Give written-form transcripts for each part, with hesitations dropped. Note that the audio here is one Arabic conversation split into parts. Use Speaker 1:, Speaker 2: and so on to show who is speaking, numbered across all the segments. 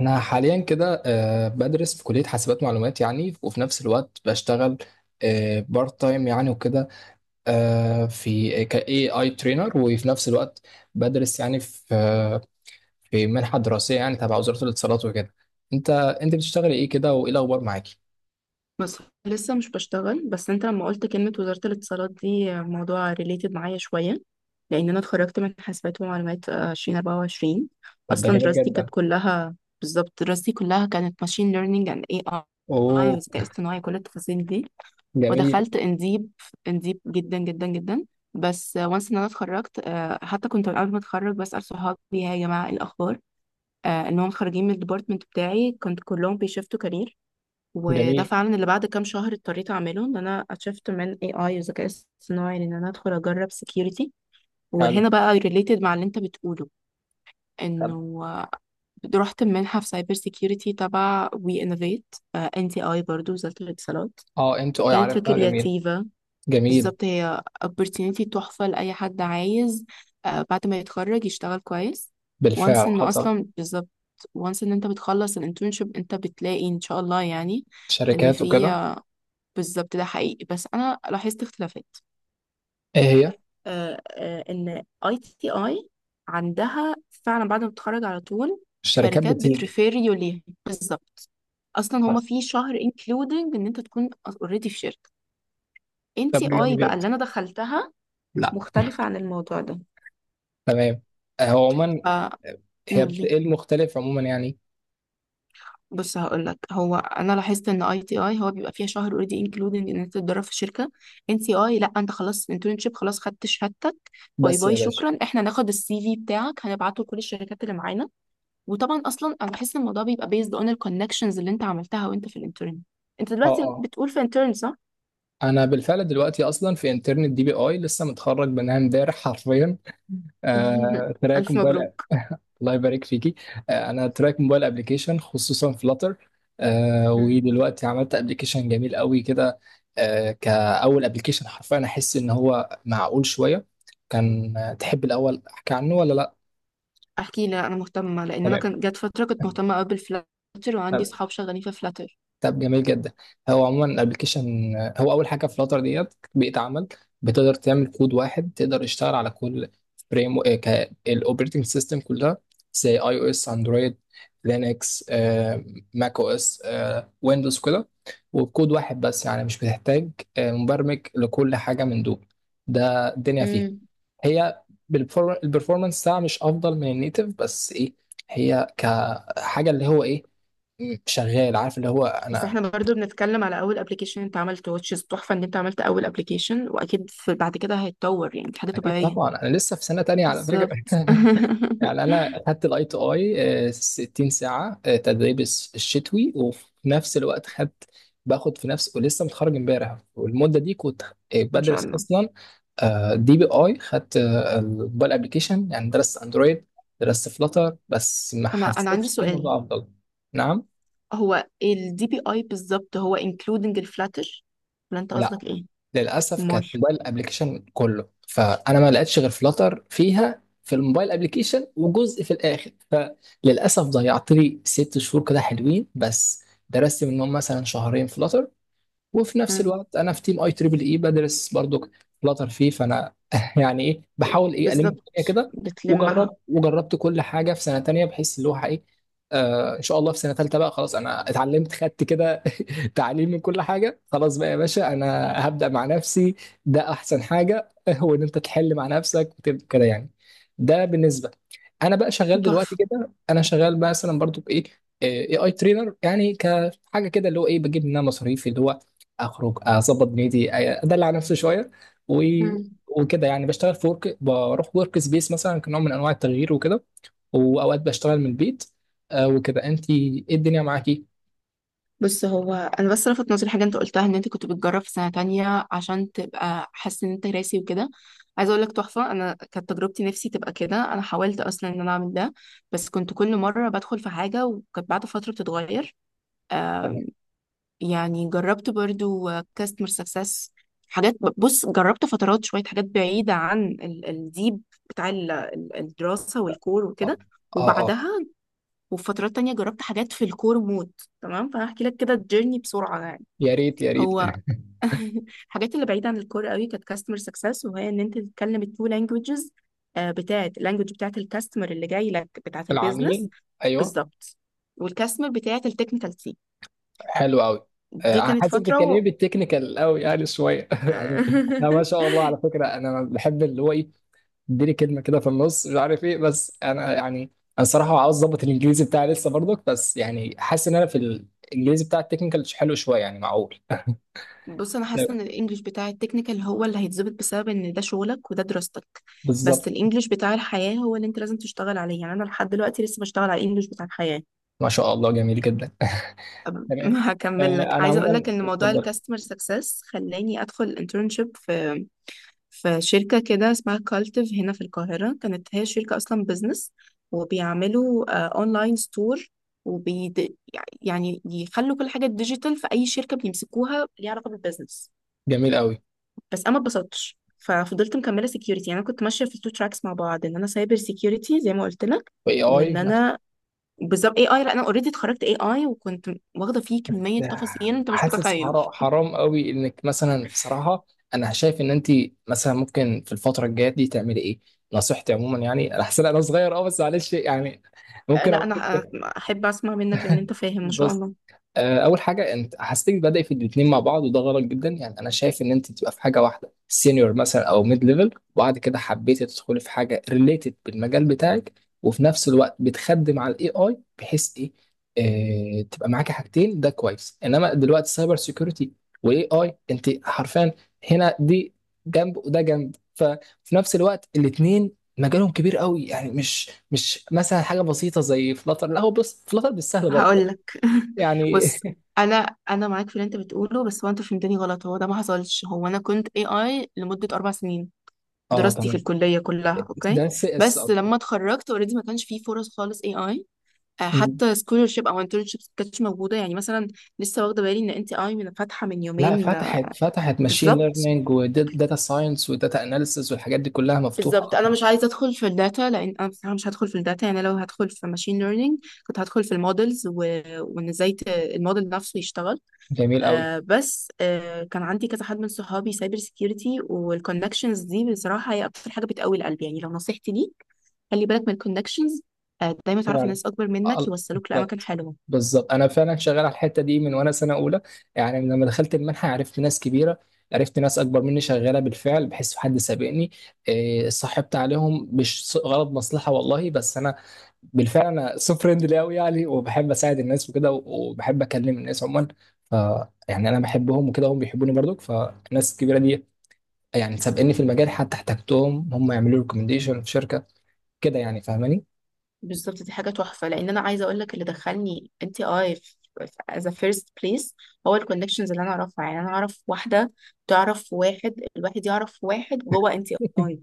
Speaker 1: انا حاليا كده بدرس في كليه حاسبات معلومات يعني وفي نفس الوقت بشتغل بارت تايم يعني وكده في إيه اي ترينر وفي نفس الوقت بدرس يعني في في منحه دراسيه يعني تبع وزاره الاتصالات وكده. انت بتشتغلي ايه كده وايه الاخبار معاكي؟
Speaker 2: بس لسه مش بشتغل، بس انت لما قلت كلمة وزارة الاتصالات دي موضوع ريليتد معايا شوية. لأن أنا اتخرجت من حاسبات ومعلومات 2024.
Speaker 1: طب ده
Speaker 2: أصلا
Speaker 1: جميل
Speaker 2: دراستي كانت
Speaker 1: جدا.
Speaker 2: كلها، بالظبط دراستي كلها كانت ماشين ليرنينج اند اي اي،
Speaker 1: اوه.
Speaker 2: والذكاء الاصطناعي، كل التفاصيل دي.
Speaker 1: جميل.
Speaker 2: ودخلت انديب، انديب جدا جدا جدا. بس وانس ان انا اتخرجت، حتى كنت من قبل ما اتخرج بسأل صحابي: هاي يا جماعة، ايه الأخبار، إنهم خارجين من الديبارتمنت بتاعي؟ كنت كلهم بيشفتوا كارير. وده
Speaker 1: جميل.
Speaker 2: فعلا اللي بعد كام شهر اضطريت اعمله، ان انا اتشفت من اي اي وذكاء اصطناعي، ان انا ادخل اجرب سكيورتي.
Speaker 1: حلو.
Speaker 2: وهنا بقى ريليتد مع اللي انت بتقوله،
Speaker 1: طب.
Speaker 2: انه رحت منحه في سايبر سكيورتي تبع وي انوفيت، ان تي اي، برضه وزاره الاتصالات،
Speaker 1: اه، انت اه
Speaker 2: كانت
Speaker 1: عارف
Speaker 2: في
Speaker 1: اه، جميل.
Speaker 2: كرياتيفا.
Speaker 1: جميل.
Speaker 2: بالظبط، هي opportunity تحفه لاي حد عايز بعد ما يتخرج يشتغل كويس. وانس
Speaker 1: بالفعل
Speaker 2: انه
Speaker 1: حصل.
Speaker 2: اصلا، بالظبط، وانس ان انت بتخلص الانترنشيب انت بتلاقي ان شاء الله يعني ان
Speaker 1: شركات
Speaker 2: في.
Speaker 1: وكده.
Speaker 2: بالظبط ده حقيقي، بس انا لاحظت اختلافات.
Speaker 1: ايه هي؟
Speaker 2: ان اي تي اي عندها فعلا بعد ما بتتخرج على طول
Speaker 1: الشركات
Speaker 2: شركات
Speaker 1: بتيجي.
Speaker 2: بتريفير يو ليها. بالظبط، اصلا هما
Speaker 1: حصل.
Speaker 2: في شهر انكلودنج ان انت تكون اوريدي في شركه. ان
Speaker 1: طب
Speaker 2: تي
Speaker 1: جميل
Speaker 2: اي بقى
Speaker 1: جدا.
Speaker 2: اللي انا دخلتها مختلفه عن الموضوع ده.
Speaker 1: تمام. هو عموما هي
Speaker 2: فقولي،
Speaker 1: بتقل مختلف عموما يعني.
Speaker 2: بص هقول لك، هو انا لاحظت ان اي تي اي هو بيبقى فيها شهر اوريدي انكلودنج ان انت تتدرب في شركه. ان سي اي لا، انت خلاص انترنشيب، خلاص خدت شهادتك، باي
Speaker 1: بس يا
Speaker 2: باي،
Speaker 1: باشا.
Speaker 2: شكرا، احنا هناخد السي في بتاعك هنبعته لكل الشركات اللي معانا. وطبعا اصلا انا بحس ان الموضوع بيبقى بيزد اون الكونكشنز اللي انت عملتها وانت في الانترن. انت
Speaker 1: اه
Speaker 2: دلوقتي
Speaker 1: اه.
Speaker 2: بتقول في انترن، صح؟
Speaker 1: انا بالفعل دلوقتي اصلا في انترنت دي بي اي لسه متخرج منها امبارح حرفيا. تراك
Speaker 2: الف
Speaker 1: موبايل.
Speaker 2: مبروك.
Speaker 1: الله يبارك فيكي. انا تراك موبايل ابلكيشن خصوصا فلاتر.
Speaker 2: مم.
Speaker 1: ودلوقتي عملت ابلكيشن جميل قوي كده. كاول ابلكيشن حرفيا احس ان هو معقول شويه كان تحب الاول احكي عنه ولا لا؟
Speaker 2: احكي لي، انا مهتمه لان انا
Speaker 1: تمام.
Speaker 2: كان جت فتره كنت
Speaker 1: طيب.
Speaker 2: مهتمه قوي بالفلاتر، وعندي صحاب شغالين في فلاتر.
Speaker 1: طب جميل جدا. هو عموما الابلكيشن، هو اول حاجه فلاتر ديت بيئه عمل، بتقدر تعمل كود واحد تقدر تشتغل على كل فريم، الاوبريتنج سيستم كلها، زي اي او اس، اندرويد، لينكس، ماك او اس، ويندوز كده. وبكود واحد بس يعني مش بتحتاج مبرمج لكل حاجه من دول. ده الدنيا فيها. هي البرفورمانس بتاعها مش افضل من النيتف، بس ايه؟ هي كحاجه اللي هو ايه شغال عارف اللي هو
Speaker 2: بس
Speaker 1: انا.
Speaker 2: احنا برضو بنتكلم على اول ابلكيشن انت عملته، وتشيز تحفة ان انت عملت اول ابلكيشن، واكيد في بعد كده هيتطور يعني، دي حاجة
Speaker 1: اكيد
Speaker 2: طبيعية.
Speaker 1: طبعا، انا لسه في سنه تانية على فكره
Speaker 2: بالظبط.
Speaker 1: يعني انا خدت الاي تو اي 60 ساعه، تدريب الشتوي وفي نفس الوقت خدت باخد في نفس، ولسه متخرج امبارح، والمده دي كنت
Speaker 2: ان شاء
Speaker 1: بدرس
Speaker 2: الله.
Speaker 1: اصلا دي بي اي، خدت الموبايل ابلكيشن يعني درست اندرويد، درست فلاتر بس ما
Speaker 2: انا عندي
Speaker 1: حسيتش في
Speaker 2: سؤال:
Speaker 1: الموضوع افضل. نعم.
Speaker 2: هو الدي بي اي بالظبط هو including الفلاتر، ولا انت
Speaker 1: لا،
Speaker 2: قصدك ايه؟
Speaker 1: للاسف كانت
Speaker 2: امال.
Speaker 1: موبايل ابلكيشن كله، فانا ما لقيتش غير فلاتر فيها في الموبايل ابلكيشن وجزء في الاخر، فللاسف ضيعت لي 6 شهور كده حلوين بس. درست منهم مثلا شهرين فلاتر، وفي نفس
Speaker 2: مم.
Speaker 1: الوقت انا في تيم اي تريبل اي بدرس برضو فلاتر فيه، فانا يعني ايه بحاول ايه الم الدنيا
Speaker 2: بالظبط
Speaker 1: كده.
Speaker 2: بتلمها.
Speaker 1: وجربت وجربت كل حاجه في سنه تانية بحيث اللي هو ايه آه، ان شاء الله في سنه تالتة بقى خلاص انا اتعلمت خدت كده تعليم من كل حاجه. خلاص بقى يا باشا، انا هبدا مع نفسي. ده احسن حاجه هو ان انت تحل مع نفسك وتبقى كده يعني. ده بالنسبه. انا بقى شغال دلوقتي
Speaker 2: تحفة.
Speaker 1: كده، انا شغال مثلا برضو بايه اي اي ترينر يعني كحاجه كده اللي هو ايه بجيب منها مصاريف اللي هو اخرج اظبط دنيتي ادلع نفسي شويه و... وكده يعني بشتغل في ورك، بروح ورك سبيس مثلا كنوع من انواع التغيير وكده، واوقات بشتغل من البيت. آه وكده، انت ايه الدنيا معاكي؟
Speaker 2: بص، هو انا بس لفت نظري حاجه انت قلتها، ان انت كنت بتجرب في سنه تانية عشان تبقى حاسس ان انت راسي وكده. عايزه اقول لك تحفه، انا كانت تجربتي نفسي تبقى كده، انا حاولت اصلا ان انا اعمل ده، بس كنت كل مره بدخل في حاجه وكانت بعد فتره بتتغير.
Speaker 1: تمام.
Speaker 2: آه يعني جربت برضو كاستمر سكسس حاجات. بص جربت فترات شويه حاجات بعيده عن الديب بتاع الدراسه والكور
Speaker 1: اه
Speaker 2: وكده.
Speaker 1: اه. آه.
Speaker 2: وبعدها وفي فترات تانية جربت حاجات في الكور مود. تمام، فهحكي لك كده الجيرني بسرعة يعني.
Speaker 1: يا ريت يا ريت.
Speaker 2: هو الحاجات اللي بعيدة عن الكور قوي كانت كاستمر سكسس، وهي ان انت تتكلم التو لانجوجز، بتاعت اللانجوج بتاعت الكاستمر اللي جاي لك بتاعت البيزنس.
Speaker 1: العميل. ايوه.
Speaker 2: بالظبط، والكاستمر بتاعت التكنيكال تيم.
Speaker 1: حلو قوي.
Speaker 2: دي
Speaker 1: آه،
Speaker 2: كانت
Speaker 1: حاسس
Speaker 2: فترة
Speaker 1: بتتكلمي
Speaker 2: و...
Speaker 1: بالتكنيكال قوي يعني شويه يعني. انا ما شاء الله على فكره انا بحب اللي هو ايه اديني كلمه كده في النص مش عارف ايه، بس انا يعني انا صراحه عاوز اظبط الانجليزي بتاعي لسه برضك، بس يعني حاسس ان انا في الانجليزي بتاع التكنيكال حلو شويه يعني معقول.
Speaker 2: بص انا حاسه ان
Speaker 1: تمام.
Speaker 2: الانجليش بتاع التكنيكال هو اللي هيتظبط بسبب ان ده شغلك وده دراستك. بس
Speaker 1: بالظبط.
Speaker 2: الانجليش بتاع الحياه هو اللي انت لازم تشتغل عليه، يعني انا لحد دلوقتي لسه بشتغل على الانجليش بتاع الحياه.
Speaker 1: ما شاء الله جميل جدا
Speaker 2: أب-
Speaker 1: تمام.
Speaker 2: هكمل لك،
Speaker 1: انا
Speaker 2: عايزه اقول لك
Speaker 1: عموما
Speaker 2: ان موضوع
Speaker 1: اتفضل.
Speaker 2: الكاستمر سكسس خلاني ادخل انترنشيب في شركه كده اسمها كالتيف هنا في القاهره، كانت هي شركه اصلا بزنس، وبيعملوا اونلاين ستور وبي يعني يخلوا كل حاجه ديجيتال في اي شركه بيمسكوها ليها علاقه بالبزنس.
Speaker 1: جميل قوي.
Speaker 2: بس انا ما اتبسطتش، ففضلت مكمله سكيورتي، يعني انا كنت ماشيه في التو تراكس مع بعض، ان انا سايبر سكيورتي زي ما قلت لك،
Speaker 1: واي اي.
Speaker 2: وان انا، بالظبط اي اي. لا، انا اوريدي اتخرجت اي اي وكنت واخده فيه كميه تفاصيل انت مش
Speaker 1: حاسس
Speaker 2: متخيل.
Speaker 1: حرام قوي انك مثلا صراحه. انا شايف ان انت مثلا ممكن في الفتره الجايه دي تعملي ايه. نصيحتي عموما يعني انا حاسس إن انا صغير اه بس معلش يعني ممكن
Speaker 2: لا
Speaker 1: اقول
Speaker 2: انا
Speaker 1: لك
Speaker 2: احب اسمع منك لان انت فاهم ما شاء الله.
Speaker 1: اول حاجه، انت حاسسك بادئ في الاثنين مع بعض، وده غلط جدا يعني. انا شايف ان انت تبقى في حاجه واحده سينيور مثلا او ميد ليفل، وبعد كده حبيتي تدخلي في حاجه ريليتد بالمجال بتاعك، وفي نفس الوقت بتخدم على الاي اي بحيث ايه تبقى معاكي حاجتين. ده كويس، انما دلوقتي سايبر سيكيورتي واي اي انت حرفيا هنا دي جنب وده جنب، ففي نفس الوقت الاثنين مجالهم كبير قوي يعني، مش مثلا حاجه بسيطه زي فلاتر، لا. هو بص فلاتر مش سهل برضه
Speaker 2: هقول لك.
Speaker 1: يعني
Speaker 2: بص، انا معاك في اللي انت بتقوله، بس هو انت فهمتني غلط، هو ده ما حصلش. هو انا كنت اي اي لمده 4 سنين،
Speaker 1: اه
Speaker 2: دراستي في
Speaker 1: تمام.
Speaker 2: الكليه كلها اوكي.
Speaker 1: ده سي اس
Speaker 2: بس
Speaker 1: اكتر.
Speaker 2: لما اتخرجت اوريدي ما كانش فيه فرص خالص اي اي،
Speaker 1: أمم.
Speaker 2: حتى سكولرشيب او انترنشيب ما كانتش موجوده، يعني مثلا لسه واخده بالي ان انت اي من فاتحه من
Speaker 1: لا،
Speaker 2: يومين
Speaker 1: فتحت ماشين
Speaker 2: بالظبط.
Speaker 1: ليرنينج وداتا ساينس وداتا اناليسز والحاجات دي كلها مفتوحه
Speaker 2: بالظبط انا
Speaker 1: اكتر.
Speaker 2: مش عايزه ادخل في الداتا، لان انا بصراحه مش هدخل في الداتا، يعني لو هدخل في ماشين ليرنينج كنت هدخل في المودلز، وان ازاي الموديل نفسه يشتغل.
Speaker 1: جميل قوي.
Speaker 2: بس كان عندي كذا حد من صحابي سايبر سكيورتي، والكونكشنز دي بصراحه هي اكتر حاجه بتقوي القلب، يعني لو نصيحتي ليك، خلي بالك من الكونكشنز. دايما تعرف
Speaker 1: فعلا.
Speaker 2: ناس اكبر منك يوصلوك لاماكن
Speaker 1: بالظبط.
Speaker 2: حلوه.
Speaker 1: بالظبط انا فعلا شغال على الحته دي من وانا سنه اولى. يعني من لما دخلت المنحه عرفت ناس كبيره. عرفت ناس اكبر مني شغاله بالفعل، بحس حد سابقني. إيه، صاحبت عليهم مش غرض مصلحه والله، بس انا بالفعل انا سو فريندلي قوي يعني وبحب اساعد الناس وكده وبحب اكلم الناس عموما، ف يعني انا بحبهم وكده هم بيحبوني برضك. فالناس الكبيره دي يعني سابقني في المجال، حتى احتجتهم هم يعملوا لي ريكومنديشن في شركه كده يعني، فاهماني؟
Speaker 2: بالظبط، دي حاجة تحفة، لأن أنا عايزة أقول لك اللي دخلني أنت أي في as a first place هو الكونكشنز اللي أنا أعرفها، يعني أنا أعرف واحدة تعرف واحد، الواحد يعرف واحد جوه أنت أي.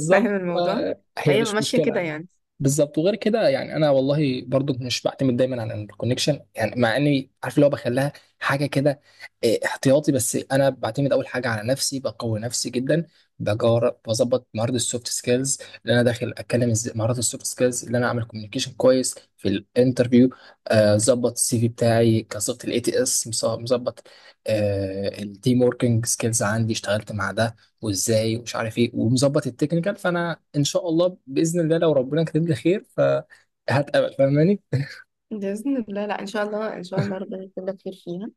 Speaker 2: فاهم الموضوع؟
Speaker 1: هي
Speaker 2: فهي
Speaker 1: مش
Speaker 2: ماشية كده
Speaker 1: مشكله.
Speaker 2: يعني.
Speaker 1: بالظبط. وغير كده يعني انا والله برضو مش بعتمد دايما على الكونكشن، يعني مع اني عارف اللي هو بخليها حاجه كده إيه، احتياطي. بس انا بعتمد اول حاجه على نفسي، بقوي نفسي جدا، بجار بظبط مهارات السوفت سكيلز، اللي انا داخل اتكلم ازاي مهارات السوفت سكيلز اللي انا اعمل كوميونيكيشن كويس في الانترفيو، ظبط السي في بتاعي كظبط الاي تي اس مظبط، التيم وركينج سكيلز عندي اشتغلت مع ده، وازاي ومش عارف ايه ومظبط التكنيكال. فانا ان شاء الله باذن الله لو ربنا كاتب لي خير فهتقبل، فاهماني؟
Speaker 2: بإذن الله. لا، إن شاء الله إن شاء الله ربنا يكتب لك خير فيها.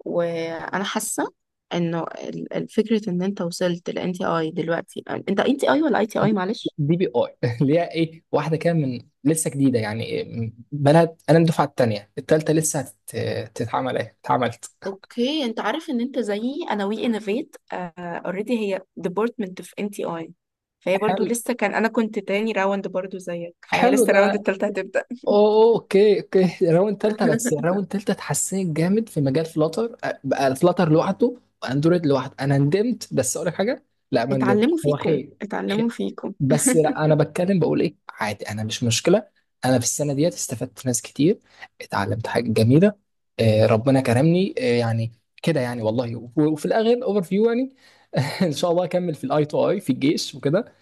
Speaker 2: وأنا حاسة إنه الفكرة إن أنت وصلت لأنت أي دلوقتي، أنت أي ولا أي تي أي؟ معلش.
Speaker 1: دي بي اي اللي هي ايه واحده كده من لسه جديده يعني إيه، بلد. انا الدفعه الثانيه الثالثه لسه تتعمل ايه اتعملت.
Speaker 2: اوكي، انت عارف ان انت زيي، انا وي انوفيت اوريدي هي ديبارتمنت في ان تي اي، فهي برضو
Speaker 1: حلو.
Speaker 2: لسه، كان انا كنت تاني راوند برضو زيك، فهي
Speaker 1: حلو
Speaker 2: لسه الراوند
Speaker 1: ده.
Speaker 2: التالتة هتبدأ.
Speaker 1: أوه، اوكي اوكي، راوند تالتة. بس راوند تالتة اتحسنت جامد في مجال فلاتر. بقى فلاتر لوحده واندرويد لوحده. انا ندمت، بس اقول لك حاجه، لا ما ندمتش
Speaker 2: اتعلموا
Speaker 1: هو
Speaker 2: فيكم،
Speaker 1: خير.
Speaker 2: اتعلموا فيكم.
Speaker 1: بس لا انا بتكلم بقول ايه عادي انا مش مشكله. انا في السنه ديت استفدت ناس كتير، اتعلمت حاجه جميله، آه ربنا كرمني آه يعني كده يعني والله وفي الاخر اوفر فيو يعني ان شاء الله اكمل في الاي تو اي في الجيش وكده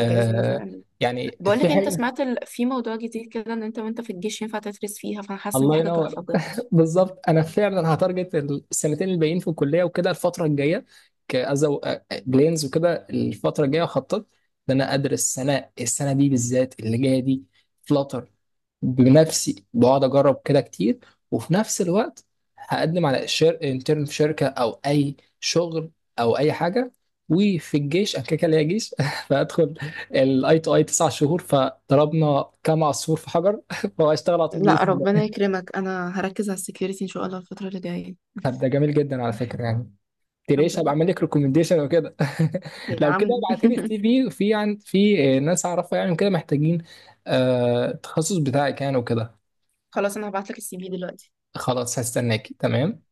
Speaker 2: بإذن الله، آمين.
Speaker 1: يعني
Speaker 2: بقول
Speaker 1: في
Speaker 2: لك، انت
Speaker 1: حاجه.
Speaker 2: سمعت في موضوع جديد كده، ان انت وانت في الجيش ينفع تدرس فيها، فانا حاسه ان دي
Speaker 1: الله
Speaker 2: حاجه تحفه
Speaker 1: ينور
Speaker 2: بجد.
Speaker 1: بالظبط انا فعلا هتارجت السنتين الباقيين في الكليه وكده الفتره الجايه كأزو بلينز، وكده الفتره الجايه خطط، ان انا ادرس سنه، السنه دي بالذات اللي جايه دي فلاتر بنفسي بقعد اجرب كده كتير. وفي نفس الوقت هقدم على انترن في شركه او اي شغل او اي حاجه. وفي الجيش انا كده كده ليا جيش فهدخل الاي تو اي 9 شهور، فضربنا كام عصفور في حجر فهشتغل على طول
Speaker 2: لا،
Speaker 1: باذن
Speaker 2: ربنا
Speaker 1: الله.
Speaker 2: يكرمك، انا هركز على السكيورتي ان شاء الله الفتره اللي جايه.
Speaker 1: طب ده جميل جدا على فكره يعني،
Speaker 2: الحمد
Speaker 1: تريش. هبقى
Speaker 2: لله.
Speaker 1: اعمل لك ريكومنديشن وكده
Speaker 2: يا
Speaker 1: لو كده
Speaker 2: عم.
Speaker 1: ابعت لي السي في في عن في ناس اعرفها يعني كده محتاجين التخصص بتاعك يعني وكده.
Speaker 2: خلاص انا هبعت لك السي في دلوقتي.
Speaker 1: خلاص هستناكي، تمام.